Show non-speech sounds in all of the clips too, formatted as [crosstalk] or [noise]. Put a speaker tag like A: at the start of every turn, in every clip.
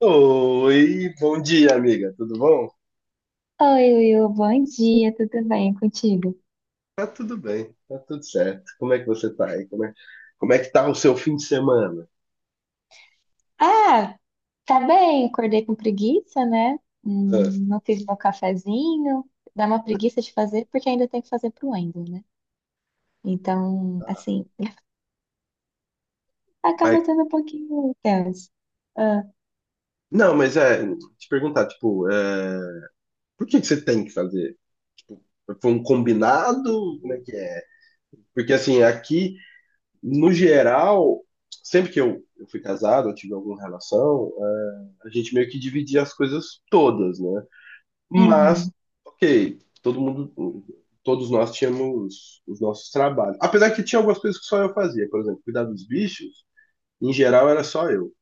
A: Oi, bom dia, amiga. Tudo bom?
B: Oi, Will, bom dia, tudo bem contigo?
A: Tá tudo bem, tá tudo certo. Como é que você tá aí? Como é que tá o seu fim de semana?
B: Ah, tá bem, acordei com preguiça, né?
A: Ah,
B: Não fiz meu cafezinho, dá uma preguiça de fazer porque ainda tem que fazer pro Wendel, né? Então,
A: ah,
B: assim, [laughs]
A: mas,
B: acaba sendo um pouquinho tenso. Ah,
A: não, mas é, te perguntar, tipo, é, por que que você tem que fazer? Tipo, foi um combinado? Como é que é? Porque, assim, aqui, no geral, sempre que eu fui casado, eu tive alguma relação, é, a gente meio que dividia as coisas todas, né? Mas,
B: uhum.
A: ok, todo mundo, todos nós tínhamos os nossos trabalhos. Apesar que tinha algumas coisas que só eu fazia, por exemplo, cuidar dos bichos, em geral era só eu.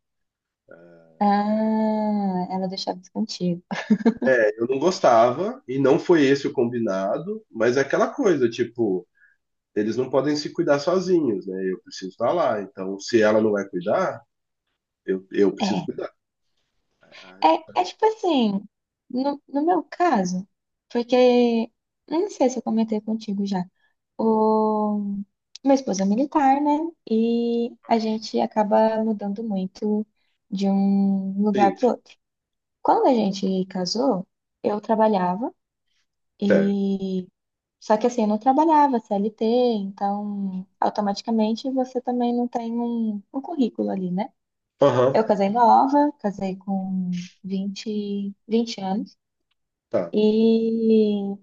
B: Ah, ela deixava isso contigo.
A: Eu não gostava, e não foi esse o combinado, mas é aquela coisa, tipo, eles não podem se cuidar sozinhos, né? Eu preciso estar lá, então se ela não vai cuidar, eu preciso
B: É,
A: cuidar. A
B: é,
A: resposta
B: tipo assim, no meu caso, porque, eu não sei se eu comentei contigo já. O... Meu esposo é militar, né? E a gente acaba mudando muito de um
A: é
B: lugar para
A: isso.
B: outro. Quando a gente casou, eu trabalhava
A: Certo.
B: e só que assim, eu não trabalhava CLT, então automaticamente você também não tem um currículo ali, né?
A: Aham,
B: Eu casei nova, casei com vinte anos
A: tá.
B: e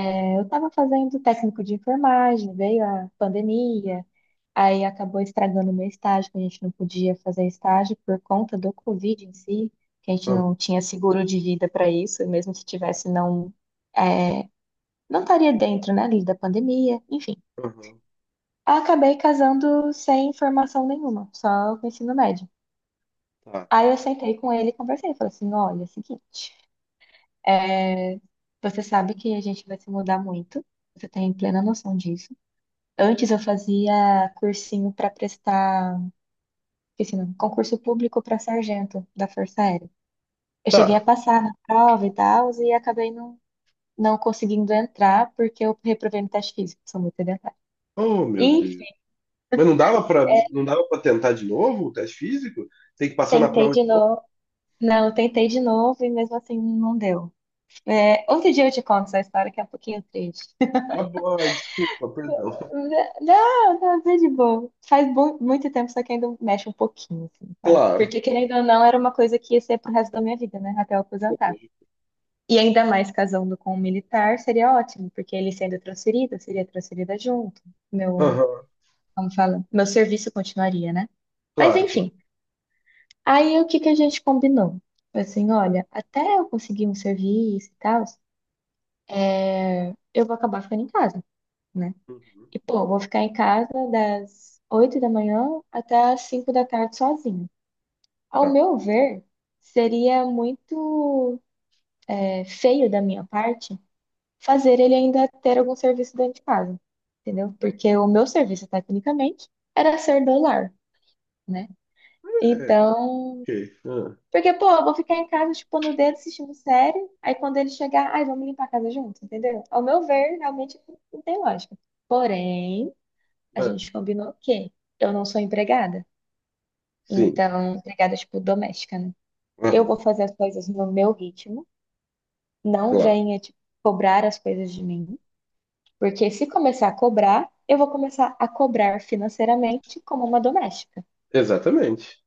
B: eu estava fazendo técnico de enfermagem, veio a pandemia. Aí acabou estragando o meu estágio, que a gente não podia fazer estágio por conta do Covid em si, que a gente
A: Aham,
B: não tinha seguro de vida para isso, e mesmo se tivesse, não, é, não estaria dentro, né, ali da pandemia, enfim.
A: aham,
B: Acabei casando sem formação nenhuma, só com ensino médio.
A: tá.
B: Aí eu sentei com ele e conversei, falei assim, olha, é o seguinte, é, você sabe que a gente vai se mudar muito, você tem plena noção disso. Antes eu fazia cursinho para prestar. Esqueci, não. Concurso público para sargento da Força Aérea. Eu cheguei a
A: Tá.
B: passar na prova e tal, e acabei não conseguindo entrar porque eu reprovei no teste físico, sou muito sedentária.
A: Oh, meu Deus.
B: Enfim,
A: Mas não dava para tentar de novo o teste físico? Tem que passar na
B: tentei
A: prova de
B: de
A: novo?
B: novo. Não, tentei de novo e mesmo assim não deu. É, outro dia eu te conto essa história que é um pouquinho triste. [laughs]
A: Tá bom, ai, desculpa, perdão. [laughs]
B: Não, não, tá de boa. Faz muito tempo, só que ainda mexe um pouquinho, assim, sabe?
A: Claro.
B: Porque, querendo ou não, era uma coisa que ia ser pro resto da minha vida, né? Até eu aposentar. E ainda mais casando com um militar seria ótimo, porque ele sendo transferido, eu seria transferida junto. Meu,
A: Aham,
B: como fala? Meu serviço continuaria, né? Mas
A: claro, claro.
B: enfim, aí o que que a gente combinou? Foi assim, olha, até eu conseguir um serviço e tal, é, eu vou acabar ficando em casa, né?
A: Uhum,
B: E pô, eu vou ficar em casa das 8 da manhã até as 5 da tarde sozinha. Ao
A: tá.
B: meu ver, seria muito é, feio da minha parte fazer ele ainda ter algum serviço dentro de casa, entendeu? Porque o meu serviço, tecnicamente, era ser do lar, né?
A: É,
B: Então,
A: ok. Ah,
B: porque, pô, eu vou ficar em casa tipo no dedo, assistindo série, aí quando ele chegar, ai, vamos limpar a casa junto, entendeu? Ao meu ver, realmente não tem lógica. Porém, a
A: ah,
B: gente combinou que eu não sou empregada,
A: sim.
B: então, empregada, tipo, doméstica, né? Eu vou
A: Aham,
B: fazer as coisas no meu ritmo, não
A: claro.
B: venha, tipo, cobrar as coisas de mim. Porque se começar a cobrar, eu vou começar a cobrar financeiramente como uma doméstica.
A: Exatamente.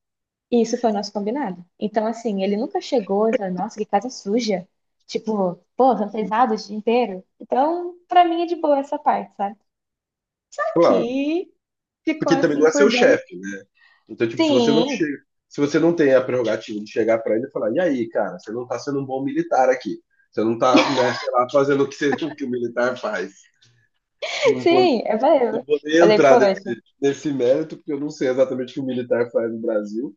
B: E isso foi o nosso combinado. Então, assim, ele nunca chegou e falou, nossa, que casa suja. Tipo, pô, você não fez nada o dia inteiro. Então, pra mim é de boa essa parte, sabe?
A: Claro.
B: Aqui ficou
A: Porque ele também não é
B: assim
A: seu
B: por dois.
A: chefe, né? Então, tipo, se você não
B: Sim,
A: chega, se você não tem a prerrogativa de chegar pra ele e falar, e aí, cara, você não tá sendo um bom militar aqui. Você não tá, né, sei lá, fazendo o que, o que o militar faz.
B: [laughs]
A: Não vou,
B: sim. Eu falei,
A: não
B: eu
A: vou nem
B: falei,
A: entrar
B: poxa,
A: nesse mérito, porque eu não sei exatamente o que o militar faz no Brasil.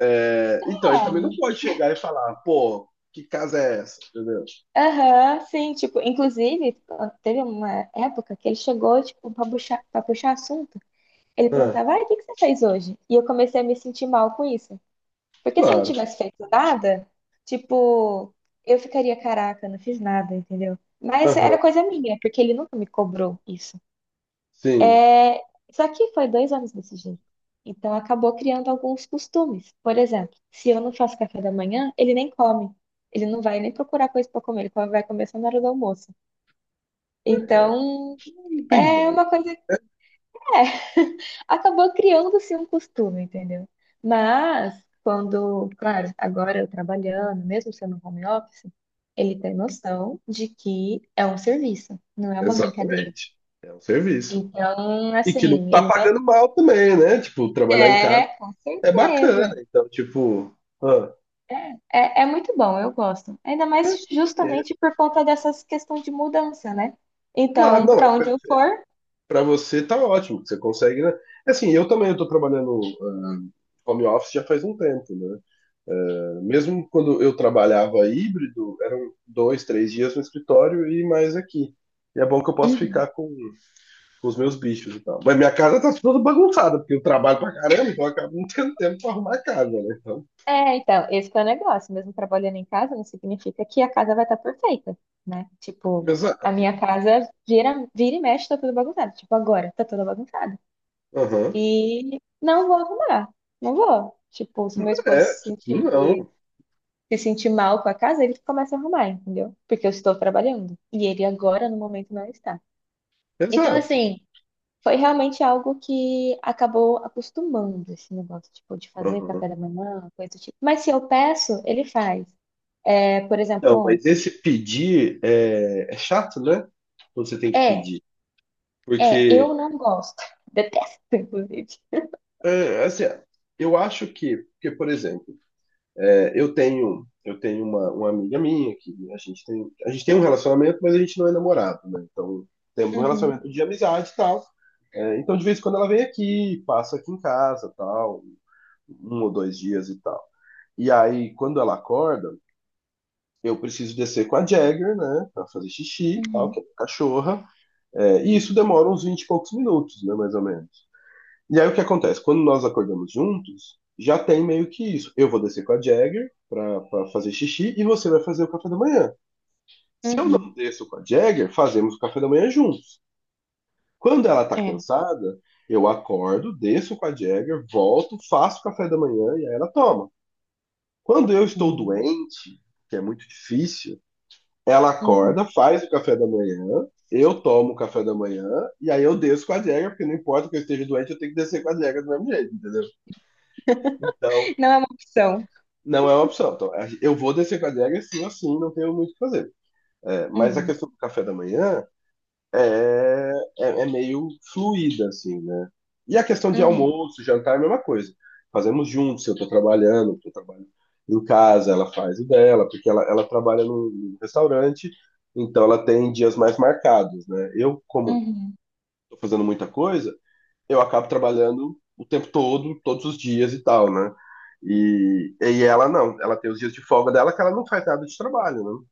A: É, então, ele também não
B: é.
A: pode chegar e falar, pô, que casa é essa? Entendeu?
B: Aham, sim. Tipo, inclusive, teve uma época que ele chegou, tipo, pra puxar assunto. Ele
A: Ah,
B: perguntava, ai, o que que você fez hoje? E eu comecei a me sentir mal com isso. Porque se eu não
A: claro.
B: tivesse feito nada, tipo, eu ficaria, caraca, não fiz nada, entendeu? Mas
A: Aham.
B: era coisa minha, porque ele nunca me cobrou isso.
A: Sim.
B: É... Só que foi 2 anos desse jeito. Então acabou criando alguns costumes. Por exemplo, se eu não faço café da manhã, ele nem come. Ele não vai nem procurar coisa para comer, ele vai comer só na hora do almoço. Então,
A: Um Big
B: é
A: boy.
B: uma coisa. É, [laughs] acabou criando-se um costume, entendeu? Mas, quando, claro, agora eu trabalhando, mesmo sendo home office, ele tem noção de que é um serviço, não é uma brincadeira.
A: Exatamente. É um serviço.
B: Então,
A: E que não
B: assim,
A: tá
B: ele me...
A: pagando mal também, né? Tipo, trabalhar em casa
B: É, com
A: é bacana.
B: certeza.
A: Então, tipo, ah,
B: É, é muito bom, eu gosto. Ainda
A: é,
B: mais
A: isso aqui, é,
B: justamente por conta dessas questões de mudança, né?
A: claro,
B: Então,
A: não, é,
B: para onde eu for,
A: pra você tá ótimo, que você consegue, né? Assim, eu também eu tô trabalhando ah, home office já faz um tempo, né? Mesmo quando eu trabalhava híbrido, eram dois, três dias no escritório e mais aqui. E é bom que eu posso
B: uhum.
A: ficar com os meus bichos e tal. Mas minha casa tá toda bagunçada, porque eu trabalho pra caramba, então eu acabo não tendo tempo pra arrumar a casa, né? Então,
B: É, então, esse que é o negócio. Mesmo trabalhando em casa, não significa que a casa vai estar perfeita, né? Tipo, a
A: exato.
B: minha casa vira e mexe, tá toda bagunçada. Tipo, agora, tá toda bagunçada.
A: Aham.
B: E não vou arrumar. Não vou. Tipo, se meu esposo
A: É, não.
B: se sentir mal com a casa, ele começa a arrumar, entendeu? Porque eu estou trabalhando. E ele agora, no momento, não está. Então,
A: Exato.
B: assim, foi realmente algo que acabou acostumando esse negócio, tipo, de fazer
A: Aham.
B: café da manhã, coisa do tipo. Mas se eu peço, ele faz. É, por exemplo,
A: Não, mas
B: ontem.
A: esse pedir é, é chato, né? Quando Você tem que
B: É,
A: pedir. Porque,
B: eu não gosto. [laughs] Detesto, inclusive.
A: é, assim, eu acho que, porque, por exemplo, é, eu tenho uma amiga minha que a gente tem um relacionamento, mas a gente não é namorado, né? Então temos um
B: Uhum,
A: relacionamento de amizade e tal. É, então de vez em quando ela vem aqui, passa aqui em casa, tal, um ou dois dias e tal. E aí quando ela acorda eu preciso descer com a Jagger, né, para fazer xixi, e tal,
B: uhum,
A: que é a cachorra. É, e isso demora uns 20, e poucos minutos, né, mais ou menos. E aí o que acontece? Quando nós acordamos juntos, já tem meio que isso. Eu vou descer com a Jagger pra fazer xixi e você vai fazer o café da manhã. Se eu não
B: uhum.
A: desço com a Jagger, fazemos o café da manhã juntos. Quando ela tá
B: É.
A: cansada, eu acordo, desço com a Jagger, volto, faço o café da manhã e aí ela toma. Quando eu estou
B: Hum,
A: doente, que é muito difícil, ela acorda,
B: uhum.
A: faz o café da manhã, eu tomo o café da manhã e aí eu desço com a Jagger, porque não importa que eu esteja doente, eu tenho que descer com a Jagger do mesmo jeito, entendeu? Então,
B: Não é uma opção.
A: não é uma opção. Então, eu vou descer com a Jagger assim assim, não tenho muito o que fazer. É, mas a
B: Uhum,
A: questão do café da manhã é, é, é meio fluida, assim, né? E a questão de
B: uhum,
A: almoço, jantar é a mesma coisa. Fazemos juntos, se eu estou trabalhando, porque eu trabalho em casa, ela faz o dela, porque ela trabalha num restaurante, então ela tem dias mais marcados, né? Eu, como
B: uhum,
A: estou fazendo muita coisa, eu acabo trabalhando o tempo todo, todos os dias e tal, né? E ela não, ela tem os dias de folga dela que ela não faz nada de trabalho, né?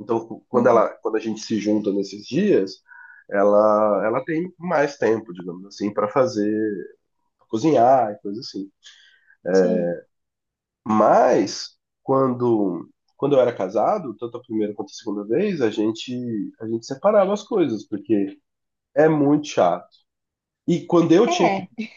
A: Então, quando ela,
B: uhum.
A: quando a gente se junta nesses dias, ela tem mais tempo, digamos assim, para fazer, pra cozinhar e coisa assim.
B: Sim.
A: Mas quando quando eu era casado, tanto a primeira quanto a segunda vez, a gente separava as coisas, porque é muito chato. E quando eu tinha que
B: É.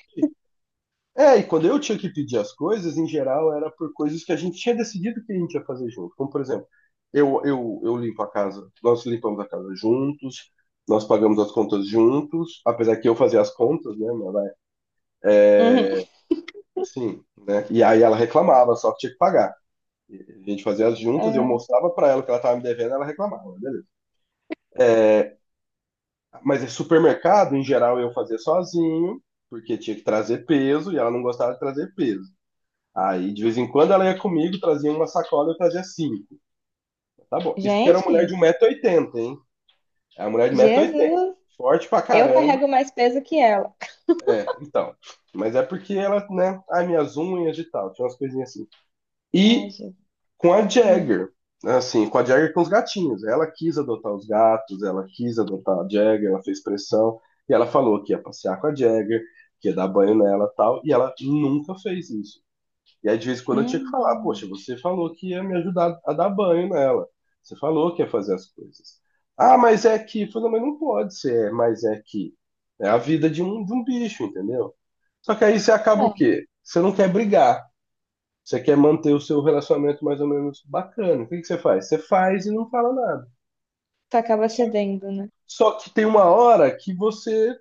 A: é, e quando eu tinha que pedir as coisas, em geral, era por coisas que a gente tinha decidido que a gente ia fazer junto. Como, por exemplo, eu limpo a casa, nós limpamos a casa juntos, nós pagamos as contas juntos, apesar que eu fazia as contas, né? Mas, vai,
B: Uhum.
A: sim, né? E aí ela reclamava, só que tinha que pagar. E a gente fazia as juntas, eu
B: Ah,
A: mostrava pra ela o que ela tava me devendo, ela reclamava, beleza. Mas em supermercado, em geral, eu fazia sozinho, porque tinha que trazer peso e ela não gostava de trazer peso. Aí, de vez em quando, ela ia comigo, trazia uma sacola, eu trazia cinco. Tá bom. Isso porque era uma mulher de
B: gente,
A: 1,80 m, hein? É uma mulher de 1,80 m,
B: Jesus,
A: forte pra
B: eu
A: caramba.
B: carrego mais peso que ela.
A: É, então. Mas é porque ela, né? Ai, minhas unhas e tal. Tinha umas coisinhas assim.
B: Ai,
A: E
B: Jesus.
A: com a
B: Hum.
A: Jagger, né? Assim, com a Jagger e com os gatinhos. Ela quis adotar os gatos, ela quis adotar a Jagger, ela fez pressão. E ela falou que ia passear com a Jagger, que ia dar banho nela e tal. E ela nunca fez isso. E aí, de vez em quando, eu tinha que falar: poxa,
B: Hum.
A: você falou que ia me ajudar a dar banho nela. Você falou que ia fazer as coisas. Ah, mas é que. Eu falei, não, mas não pode ser, mas é que. É a vida de um bicho, entendeu? Só que aí você acaba
B: É,
A: o quê? Você não quer brigar. Você quer manter o seu relacionamento mais ou menos bacana. O que que você faz? Você faz e não fala nada.
B: tu acaba
A: Só,
B: cedendo, né?
A: só que tem uma hora que você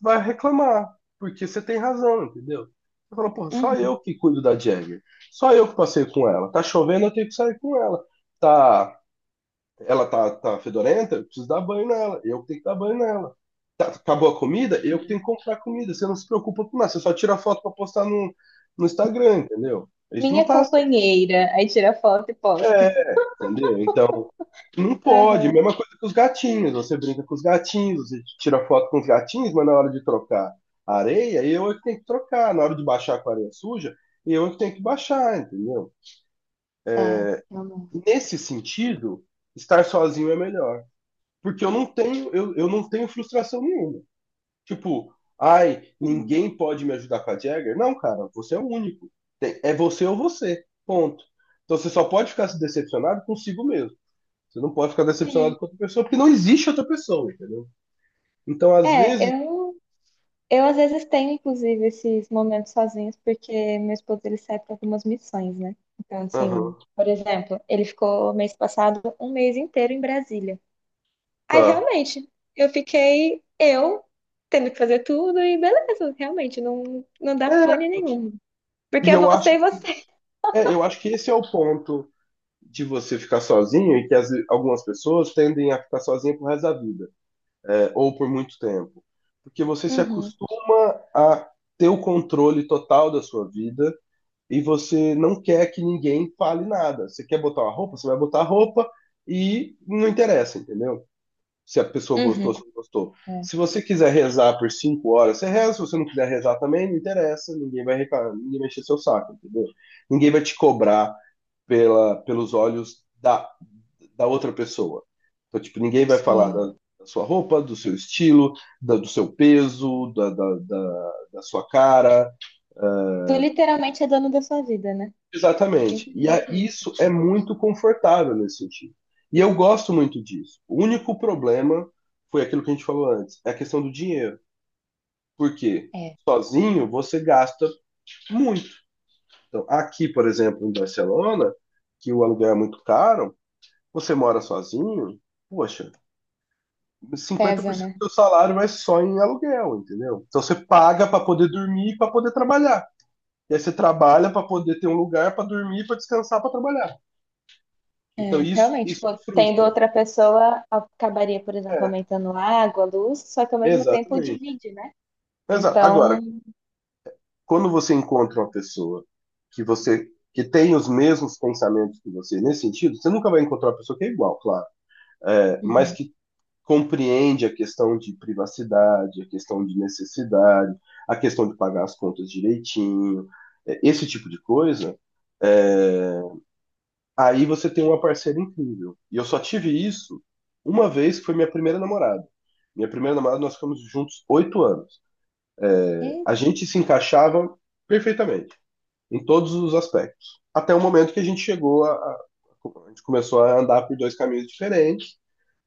A: vai reclamar, porque você tem razão, entendeu? Você fala, porra, só eu
B: Uhum.
A: que cuido da Jagger. Só eu que passei com ela. Tá chovendo, eu tenho que sair com ela. Tá, ela tá fedorenta, eu preciso dar banho nela. Eu que tenho que dar banho nela. Tá- acabou a comida, eu que tenho que comprar comida. Você não se preocupa com nada, você só tira foto pra postar no Instagram, entendeu? Isso não
B: Minha
A: tá
B: companheira. Aí tira foto e posta.
A: é, entendeu? Então, não pode.
B: Aham.
A: Mesma coisa que os gatinhos. Você brinca com os gatinhos, você tira foto com os gatinhos, mas na hora de trocar a areia, eu é que tenho que trocar. Na hora de baixar com a areia suja, eu é que tenho que baixar, entendeu?
B: É,
A: É,
B: eu
A: nesse sentido, estar sozinho é melhor. Porque eu não tenho, eu não tenho frustração nenhuma. Tipo, ai,
B: não.
A: ninguém pode me ajudar com a Jagger. Não, cara, você é o único. Tem- é você ou você. Ponto. Então você só pode ficar se decepcionado consigo mesmo. Você não pode ficar
B: Sim.
A: decepcionado com outra pessoa, porque não existe outra pessoa, entendeu? Então, às
B: É,
A: vezes.
B: eu às vezes tenho, inclusive, esses momentos sozinhos, porque meu esposo ele sai para algumas missões, né? Então, assim,
A: Aham,
B: por exemplo, ele ficou mês passado um mês inteiro em Brasília. Aí,
A: tá.
B: realmente, eu tendo que fazer tudo e beleza, realmente, não, não dá
A: É,
B: pane nenhuma. Porque
A: e
B: é
A: eu
B: você
A: acho,
B: e você.
A: é, eu acho que esse é o ponto de você ficar sozinho e que as, algumas pessoas tendem a ficar sozinha pro resto da vida, é, ou por muito tempo. Porque você se
B: Uhum,
A: acostuma a ter o controle total da sua vida e você não quer que ninguém fale nada. Você quer botar uma roupa, você vai botar a roupa e não interessa, entendeu? Se a pessoa gostou,
B: uhum.
A: se não gostou.
B: É,
A: Se você quiser rezar por 5 horas, você reza. Se você não quiser rezar também, não interessa. Ninguém vai reclamar, ninguém vai encher seu saco, entendeu? Ninguém vai te cobrar pela, pelos olhos da, da outra pessoa. Então, tipo, ninguém vai falar
B: sim.
A: da, da sua roupa, do seu estilo, da, do seu peso, da, da, da, da sua cara.
B: Tu literalmente é dono da sua vida, né?
A: Exatamente. E a,
B: Simplesmente isso.
A: isso é muito confortável nesse sentido. E eu gosto muito disso. O único problema foi aquilo que a gente falou antes, é a questão do dinheiro. Porque
B: É,
A: sozinho você gasta muito. Então, aqui, por exemplo, em Barcelona, que o aluguel é muito caro, você mora sozinho, poxa,
B: pesa,
A: 50%
B: né?
A: do seu salário vai só em aluguel, entendeu? Então você paga para poder dormir e para poder trabalhar. E aí você trabalha para poder ter um lugar para dormir, para descansar, para trabalhar. Então
B: É,
A: isso
B: realmente,
A: isso
B: tipo, tendo
A: frustra.
B: outra pessoa, acabaria, por exemplo,
A: É,
B: aumentando a água, a luz, só que ao mesmo tempo
A: exatamente.
B: divide, né?
A: Agora,
B: Então,
A: quando você encontra uma pessoa que você que tem os mesmos pensamentos que você nesse sentido, você nunca vai encontrar uma pessoa que é igual, claro, é, mas
B: uhum.
A: que compreende a questão de privacidade, a questão de necessidade, a questão de pagar as contas direitinho, é, esse tipo de coisa, é, aí você tem uma parceira incrível. E eu só tive isso uma vez, que foi minha primeira namorada. Minha primeira namorada, nós ficamos juntos 8 anos. É,
B: É,
A: a gente se encaixava perfeitamente em todos os aspectos. Até o momento que a gente chegou a gente começou a andar por dois caminhos diferentes,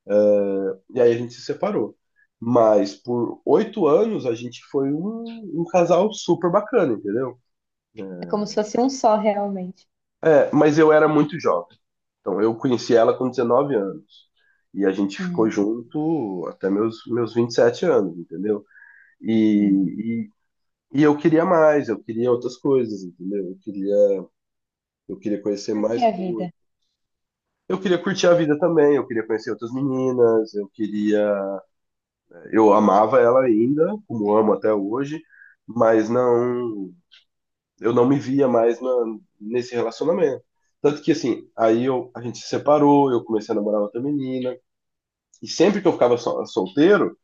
A: e aí a gente se separou. Mas por 8 anos a gente foi um, um casal super bacana, entendeu?
B: é como se fosse um só, realmente.
A: É, mas eu era muito jovem. Então eu conheci ela com 19 anos. E a gente ficou
B: Uhum.
A: junto até meus, meus 27 anos, entendeu?
B: Uhum.
A: E, e eu queria mais, eu queria outras coisas, entendeu? Eu queria conhecer
B: Porque
A: mais
B: a vida
A: coisas. Eu queria curtir a vida também, eu queria conhecer outras meninas, eu queria. Eu amava ela ainda, como amo até hoje, mas não. Eu não me via mais na, nesse relacionamento. Tanto que, assim, aí eu, a gente se separou, eu comecei a namorar outra menina, e sempre que eu ficava solteiro,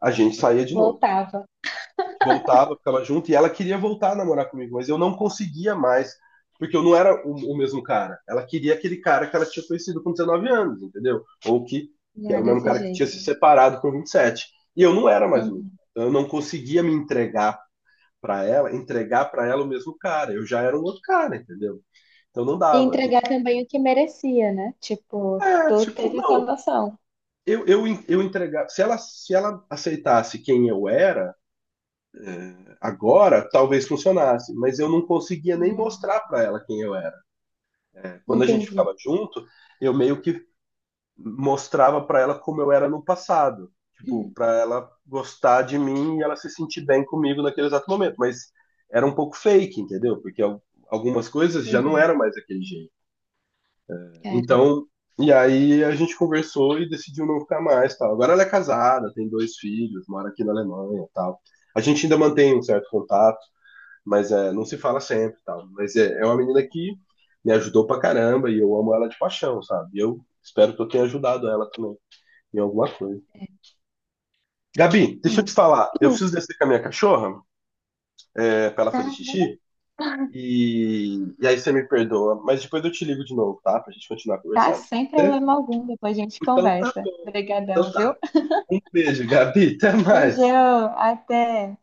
A: a gente saía de novo.
B: voltava,
A: Voltava, ficava junto, e ela queria voltar a namorar comigo, mas eu não conseguia mais, porque eu não era o mesmo cara. Ela queria aquele cara que ela tinha conhecido com 19 anos, entendeu? Ou
B: não
A: que era
B: era
A: o mesmo
B: desse
A: cara que
B: jeito.
A: tinha se
B: Né?
A: separado com 27. E sete. E eu não era mais o mesmo.
B: Uhum.
A: Então, eu não conseguia me entregar para ela o mesmo cara. Eu já era um outro cara, entendeu? Então não
B: E
A: dava. A gente.
B: entregar também o que merecia, né? Tipo,
A: É,
B: tu
A: tipo,
B: teve essa
A: não,
B: noção.
A: eu, eu, eu entregava. Se ela, se ela aceitasse quem eu era, agora, talvez funcionasse, mas eu não conseguia nem
B: Uhum.
A: mostrar para ela quem eu era. É, quando a gente
B: Entendi.
A: ficava junto, eu meio que mostrava para ela como eu era no passado, tipo,
B: Uhum.
A: para ela gostar de mim e ela se sentir bem comigo naquele exato momento, mas era um pouco fake, entendeu? Porque algumas coisas já não
B: Uhum.
A: eram mais daquele jeito.
B: Caramba.
A: Então, e aí a gente conversou e decidiu não ficar mais, tal. Agora ela é casada, tem dois filhos, mora aqui na Alemanha, tal. A gente ainda mantém um certo contato mas é, não se fala sempre, e tal. Mas é, é uma menina que me ajudou pra caramba e eu amo ela de paixão, sabe? E eu espero que eu tenha ajudado ela também em alguma coisa.
B: É.
A: Gabi, deixa eu te falar, eu
B: Uhum.
A: preciso descer com a minha cachorra, é, pra ela fazer
B: Tá,
A: xixi,
B: beleza.
A: e aí você me perdoa, mas depois eu te ligo de novo, tá? Pra gente continuar
B: Tá,
A: conversando.
B: sem
A: Certo?
B: problema algum, depois a gente
A: Então tá
B: conversa.
A: bom.
B: Obrigadão,
A: Então tá.
B: viu?
A: Um beijo, Gabi, até mais.
B: Beijão, até.